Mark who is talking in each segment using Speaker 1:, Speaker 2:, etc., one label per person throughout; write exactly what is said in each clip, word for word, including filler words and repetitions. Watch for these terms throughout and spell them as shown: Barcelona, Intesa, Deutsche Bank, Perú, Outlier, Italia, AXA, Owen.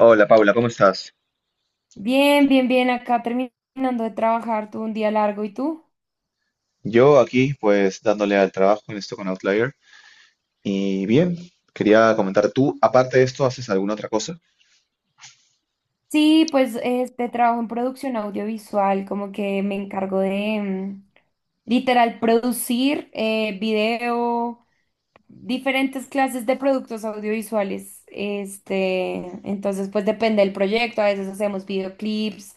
Speaker 1: Hola Paula, ¿cómo estás?
Speaker 2: Bien, bien, bien, acá terminando de trabajar, tuve un día largo, ¿y tú?
Speaker 1: Yo aquí, pues dándole al trabajo en esto con Outlier. Y bien, quería comentar, ¿tú aparte de esto haces alguna otra cosa?
Speaker 2: Sí, pues este trabajo en producción audiovisual, como que me encargo de mm, literal producir eh, video, diferentes clases de productos audiovisuales. Este, entonces pues depende del proyecto, a veces hacemos videoclips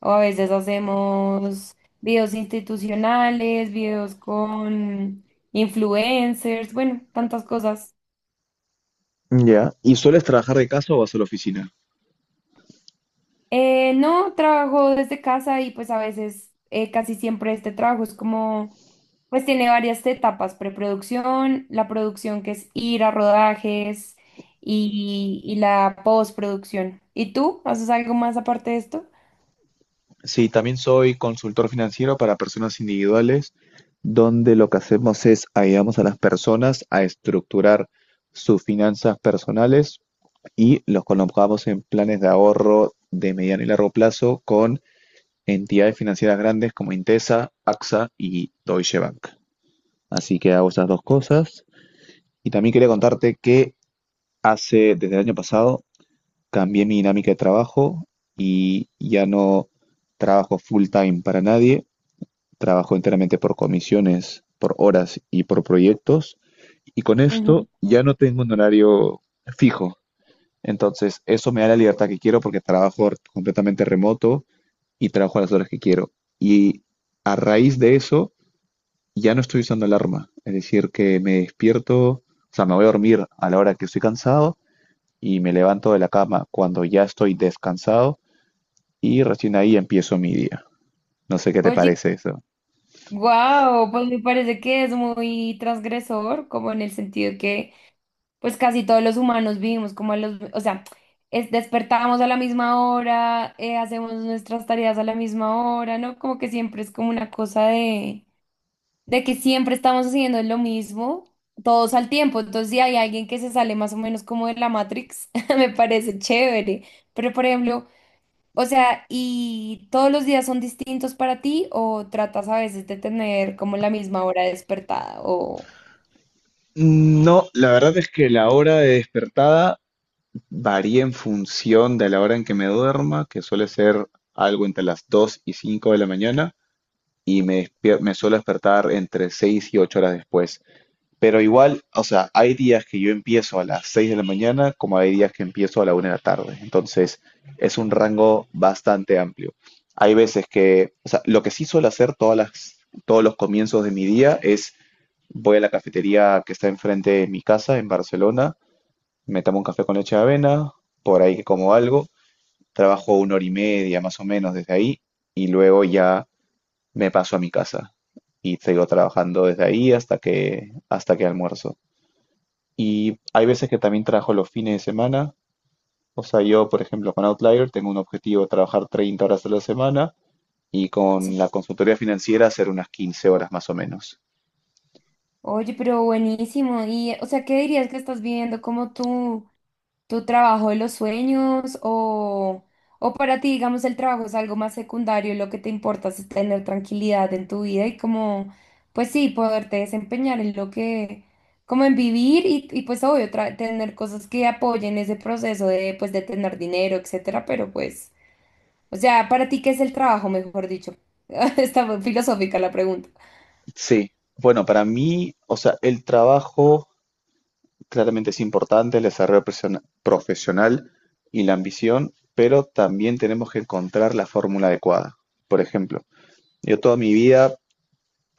Speaker 2: o a veces hacemos videos institucionales, videos con influencers, bueno, tantas cosas.
Speaker 1: Ya. ¿Y sueles trabajar de casa o vas a la oficina?
Speaker 2: Eh, no, trabajo desde casa y pues a veces, eh, casi siempre este trabajo es como, pues tiene varias etapas, preproducción, la producción que es ir a rodajes y, y la postproducción. ¿Y tú? ¿Haces algo más aparte de esto?
Speaker 1: Sí, también soy consultor financiero para personas individuales, donde lo que hacemos es ayudamos a las personas a estructurar sus finanzas personales y los colocamos en planes de ahorro de mediano y largo plazo con entidades financieras grandes como Intesa, A X A y Deutsche Bank. Así que hago esas dos cosas. Y también quería contarte que hace, desde el año pasado, cambié mi dinámica de trabajo y ya no trabajo full time para nadie, trabajo enteramente por comisiones, por horas y por proyectos. Y con
Speaker 2: Ujú.
Speaker 1: esto ya no tengo un horario fijo. Entonces, eso me da la libertad que quiero porque trabajo completamente remoto y trabajo a las horas que quiero. Y a raíz de eso, ya no estoy usando alarma. Es decir, que me despierto, o sea, me voy a dormir a la hora que estoy cansado y me levanto de la cama cuando ya estoy descansado y recién ahí empiezo mi día. No sé qué te
Speaker 2: Oye,
Speaker 1: parece eso.
Speaker 2: wow, pues me parece que es muy transgresor, como en el sentido que pues casi todos los humanos vivimos como los, o sea, es, despertamos a la misma hora, eh, hacemos nuestras tareas a la misma hora, ¿no? Como que siempre es como una cosa de, de que siempre estamos haciendo lo mismo, todos al tiempo. Entonces, si hay alguien que se sale más o menos como de la Matrix, me parece chévere. Pero, por ejemplo, o sea, ¿y todos los días son distintos para ti o tratas a veces de tener como la misma hora despertada o...
Speaker 1: No, la verdad es que la hora de despertada varía en función de la hora en que me duerma, que suele ser algo entre las dos y cinco de la mañana, y me, despier- me suelo despertar entre seis y ocho horas después. Pero igual, o sea, hay días que yo empiezo a las seis de la mañana, como hay días que empiezo a la una de la tarde. Entonces, es un rango bastante amplio. Hay veces que, o sea, lo que sí suelo hacer todas las, todos los comienzos de mi día es voy a la cafetería que está enfrente de mi casa en Barcelona, me tomo un café con leche de avena, por ahí que como algo, trabajo una hora y media más o menos desde ahí y luego ya me paso a mi casa y sigo trabajando desde ahí hasta que, hasta que almuerzo. Y hay veces que también trabajo los fines de semana. O sea, yo, por ejemplo, con Outlier tengo un objetivo de trabajar treinta horas a la semana y con la consultoría financiera hacer unas quince horas más o menos.
Speaker 2: Oye, pero buenísimo. Y, o sea, ¿qué dirías que estás viviendo como tu, tu trabajo de los sueños? O, o para ti, digamos, el trabajo es algo más secundario y lo que te importa es tener tranquilidad en tu vida y como, pues sí, poderte desempeñar en lo que, como en vivir y, y pues obvio, tra- tener cosas que apoyen ese proceso de, pues, de tener dinero, etcétera. Pero pues, o sea, para ti, ¿qué es el trabajo, mejor dicho? Está muy filosófica la pregunta.
Speaker 1: Sí, bueno, para mí, o sea, el trabajo claramente es importante, el desarrollo persona- profesional y la ambición, pero también tenemos que encontrar la fórmula adecuada. Por ejemplo, yo toda mi vida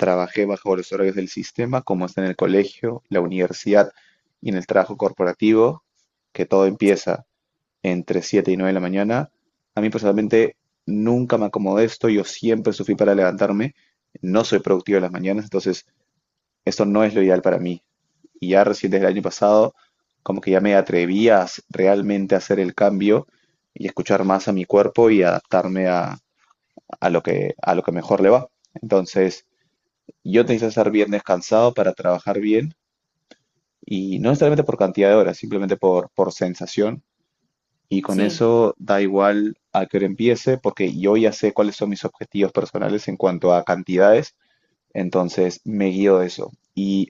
Speaker 1: trabajé bajo los horarios del sistema, como está en el colegio, la universidad y en el trabajo corporativo, que todo empieza entre siete y nueve de la mañana. A mí personalmente nunca me acomodé esto, yo siempre sufrí para levantarme, no soy productivo en las mañanas, entonces esto no es lo ideal para mí. Y ya recién desde el año pasado, como que ya me atreví a s- realmente hacer el cambio y escuchar más a mi cuerpo y adaptarme a, a lo que, a lo que mejor le va. Entonces, yo necesito estar bien descansado para trabajar bien y no necesariamente por cantidad de horas, simplemente por, por sensación. Y con
Speaker 2: Sí.
Speaker 1: eso da igual a qué hora empiece, porque yo ya sé cuáles son mis objetivos personales en cuanto a cantidades entonces me guío de eso. Y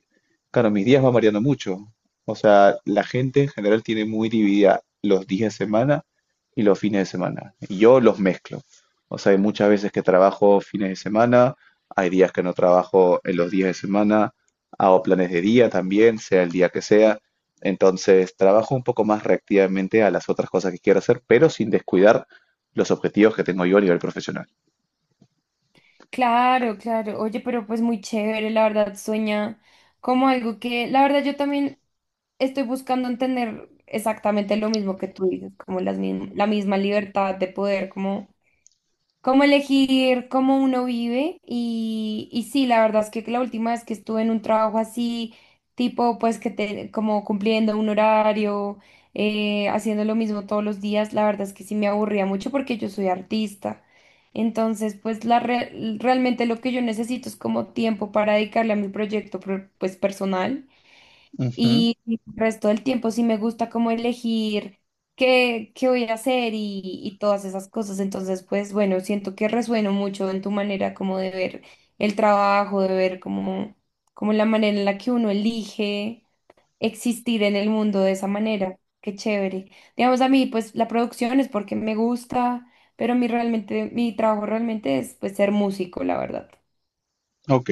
Speaker 1: claro, mis días van variando mucho. O sea, la gente en general tiene muy dividida los días de semana y los fines de semana. Y yo los mezclo. O sea, hay muchas veces que trabajo fines de semana, hay días que no trabajo en los días de semana, hago planes de día también, sea el día que sea. Entonces, trabajo un poco más reactivamente a las otras cosas que quiero hacer, pero sin descuidar los objetivos que tengo yo a nivel profesional.
Speaker 2: Claro, claro. Oye, pero pues muy chévere, la verdad, sueña como algo que, la verdad, yo también estoy buscando entender exactamente lo mismo que tú dices, como las, mism- la misma libertad de poder, como cómo elegir cómo uno vive y, y sí, la verdad es que la última vez que estuve en un trabajo así, tipo pues que te, como cumpliendo un horario, eh, haciendo lo mismo todos los días, la verdad es que sí me aburría mucho porque yo soy artista. Entonces, pues la re- realmente lo que yo necesito es como tiempo para dedicarle a mi proyecto pro- pues personal.
Speaker 1: Ujú.
Speaker 2: Y el resto del tiempo sí me gusta como elegir qué, qué voy a hacer y, y todas esas cosas. Entonces, pues bueno, siento que resueno mucho en tu manera como de ver el trabajo, de ver como, como la manera en la que uno elige existir en el mundo de esa manera. Qué chévere. Digamos, a mí, pues la producción es porque me gusta, pero mi realmente, mi trabajo realmente es pues ser músico, la verdad.
Speaker 1: Ok.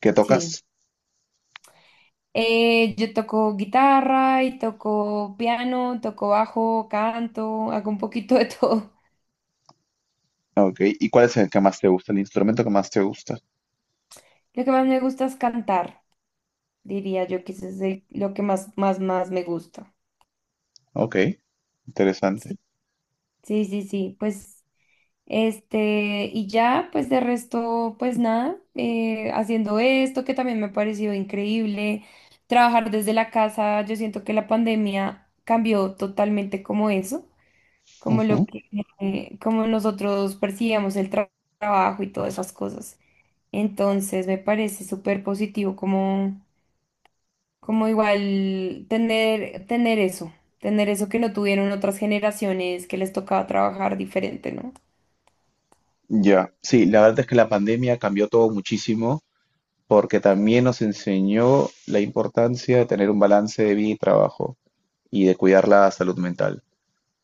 Speaker 1: ¿Qué
Speaker 2: Sí.
Speaker 1: tocas?
Speaker 2: Eh, yo toco guitarra y toco piano, toco bajo, canto, hago un poquito de todo.
Speaker 1: Ok, ¿y cuál es el que más te gusta? El instrumento que más te gusta.
Speaker 2: Lo que más me gusta es cantar, diría yo, que eso es el- lo que más, más, más me gusta.
Speaker 1: Ok, interesante.
Speaker 2: Sí, sí, sí, sí, pues, este, y ya, pues de resto, pues nada, eh, haciendo esto que también me ha parecido increíble, trabajar desde la casa, yo siento que la pandemia cambió totalmente como eso, como lo
Speaker 1: Ujú.
Speaker 2: que, eh, como nosotros percibíamos el tra- trabajo y todas esas cosas. Entonces me parece súper positivo como, como igual tener, tener eso, tener eso que no tuvieron otras generaciones que les tocaba trabajar diferente, ¿no?
Speaker 1: Ya. Sí, la verdad es que la pandemia cambió todo muchísimo porque también nos enseñó la importancia de tener un balance de vida y trabajo y de cuidar la salud mental.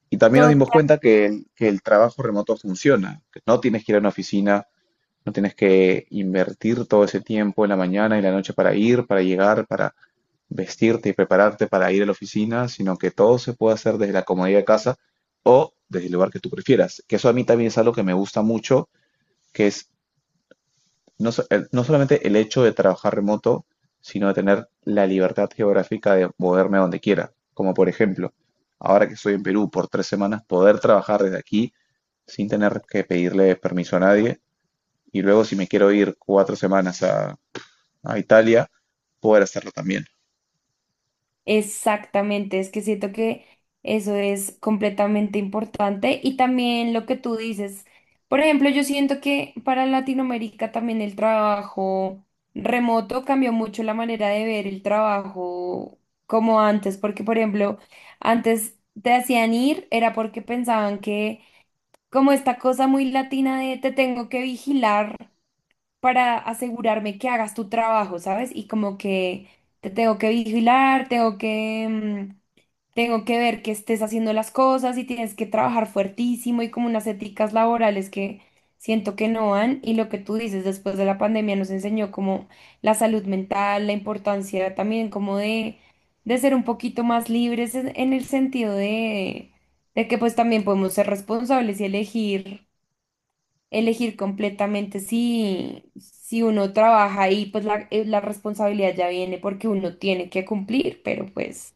Speaker 1: Y también nos dimos cuenta que el, que el trabajo remoto funciona, que no tienes que ir a una oficina, no tienes que invertir todo ese tiempo en la mañana y la noche para ir, para llegar, para vestirte y prepararte para ir a la oficina, sino que todo se puede hacer desde la comodidad de casa o desde el lugar que tú prefieras. Que eso a mí también es algo que me gusta mucho, que es no, so- el- no solamente el hecho de trabajar remoto, sino de tener la libertad geográfica de moverme a donde quiera. Como por ejemplo, ahora que estoy en Perú por tres semanas, poder trabajar desde aquí sin tener que pedirle permiso a nadie. Y luego si me quiero ir cuatro semanas a, a, Italia, poder hacerlo también.
Speaker 2: Exactamente, es que siento que eso es completamente importante y también lo que tú dices, por ejemplo, yo siento que para Latinoamérica también el trabajo remoto cambió mucho la manera de ver el trabajo como antes, porque por ejemplo, antes te hacían ir era porque pensaban que como esta cosa muy latina de te tengo que vigilar para asegurarme que hagas tu trabajo, ¿sabes? Y como que te tengo que vigilar, tengo que, mm, tengo que ver que estés haciendo las cosas y tienes que trabajar fuertísimo y como unas éticas laborales que siento que no van. Y lo que tú dices, después de la pandemia nos enseñó como la salud mental, la importancia también como de, de ser un poquito más libres en, en el sentido de, de que pues también podemos ser responsables y elegir elegir completamente si, si uno trabaja ahí, pues la, eh, la responsabilidad ya viene porque uno tiene que cumplir, pero pues,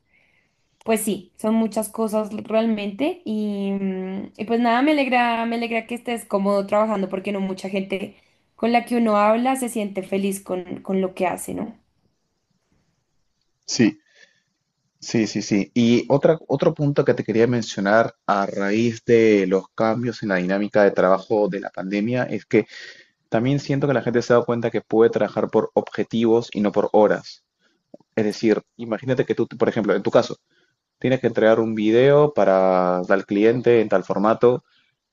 Speaker 2: pues sí, son muchas cosas realmente y, mm, y pues nada, me alegra, me alegra que estés cómodo trabajando porque no mucha gente con la que uno habla se siente feliz con, con lo que hace, ¿no?
Speaker 1: Sí, sí, sí, sí. Y otra, otro punto que te quería mencionar a raíz de los cambios en la dinámica de trabajo de la pandemia es que también siento que la gente se ha dado cuenta que puede trabajar por objetivos y no por horas. Es decir, imagínate que tú, por ejemplo, en tu caso, tienes que entregar un video para tal cliente en tal formato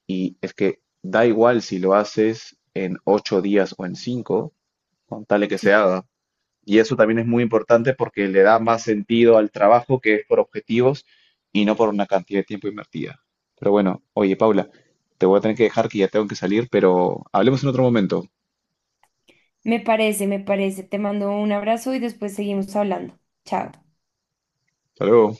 Speaker 1: y es que da igual si lo haces en ocho días o en cinco, con tal de que se
Speaker 2: Sí.
Speaker 1: haga. Y eso también es muy importante porque le da más sentido al trabajo que es por objetivos y no por una cantidad de tiempo invertida. Pero bueno, oye, Paula, te voy a tener que dejar que ya tengo que salir, pero hablemos en otro momento.
Speaker 2: Me parece, me parece. Te mando un abrazo y después seguimos hablando. Chao.
Speaker 1: Hasta luego.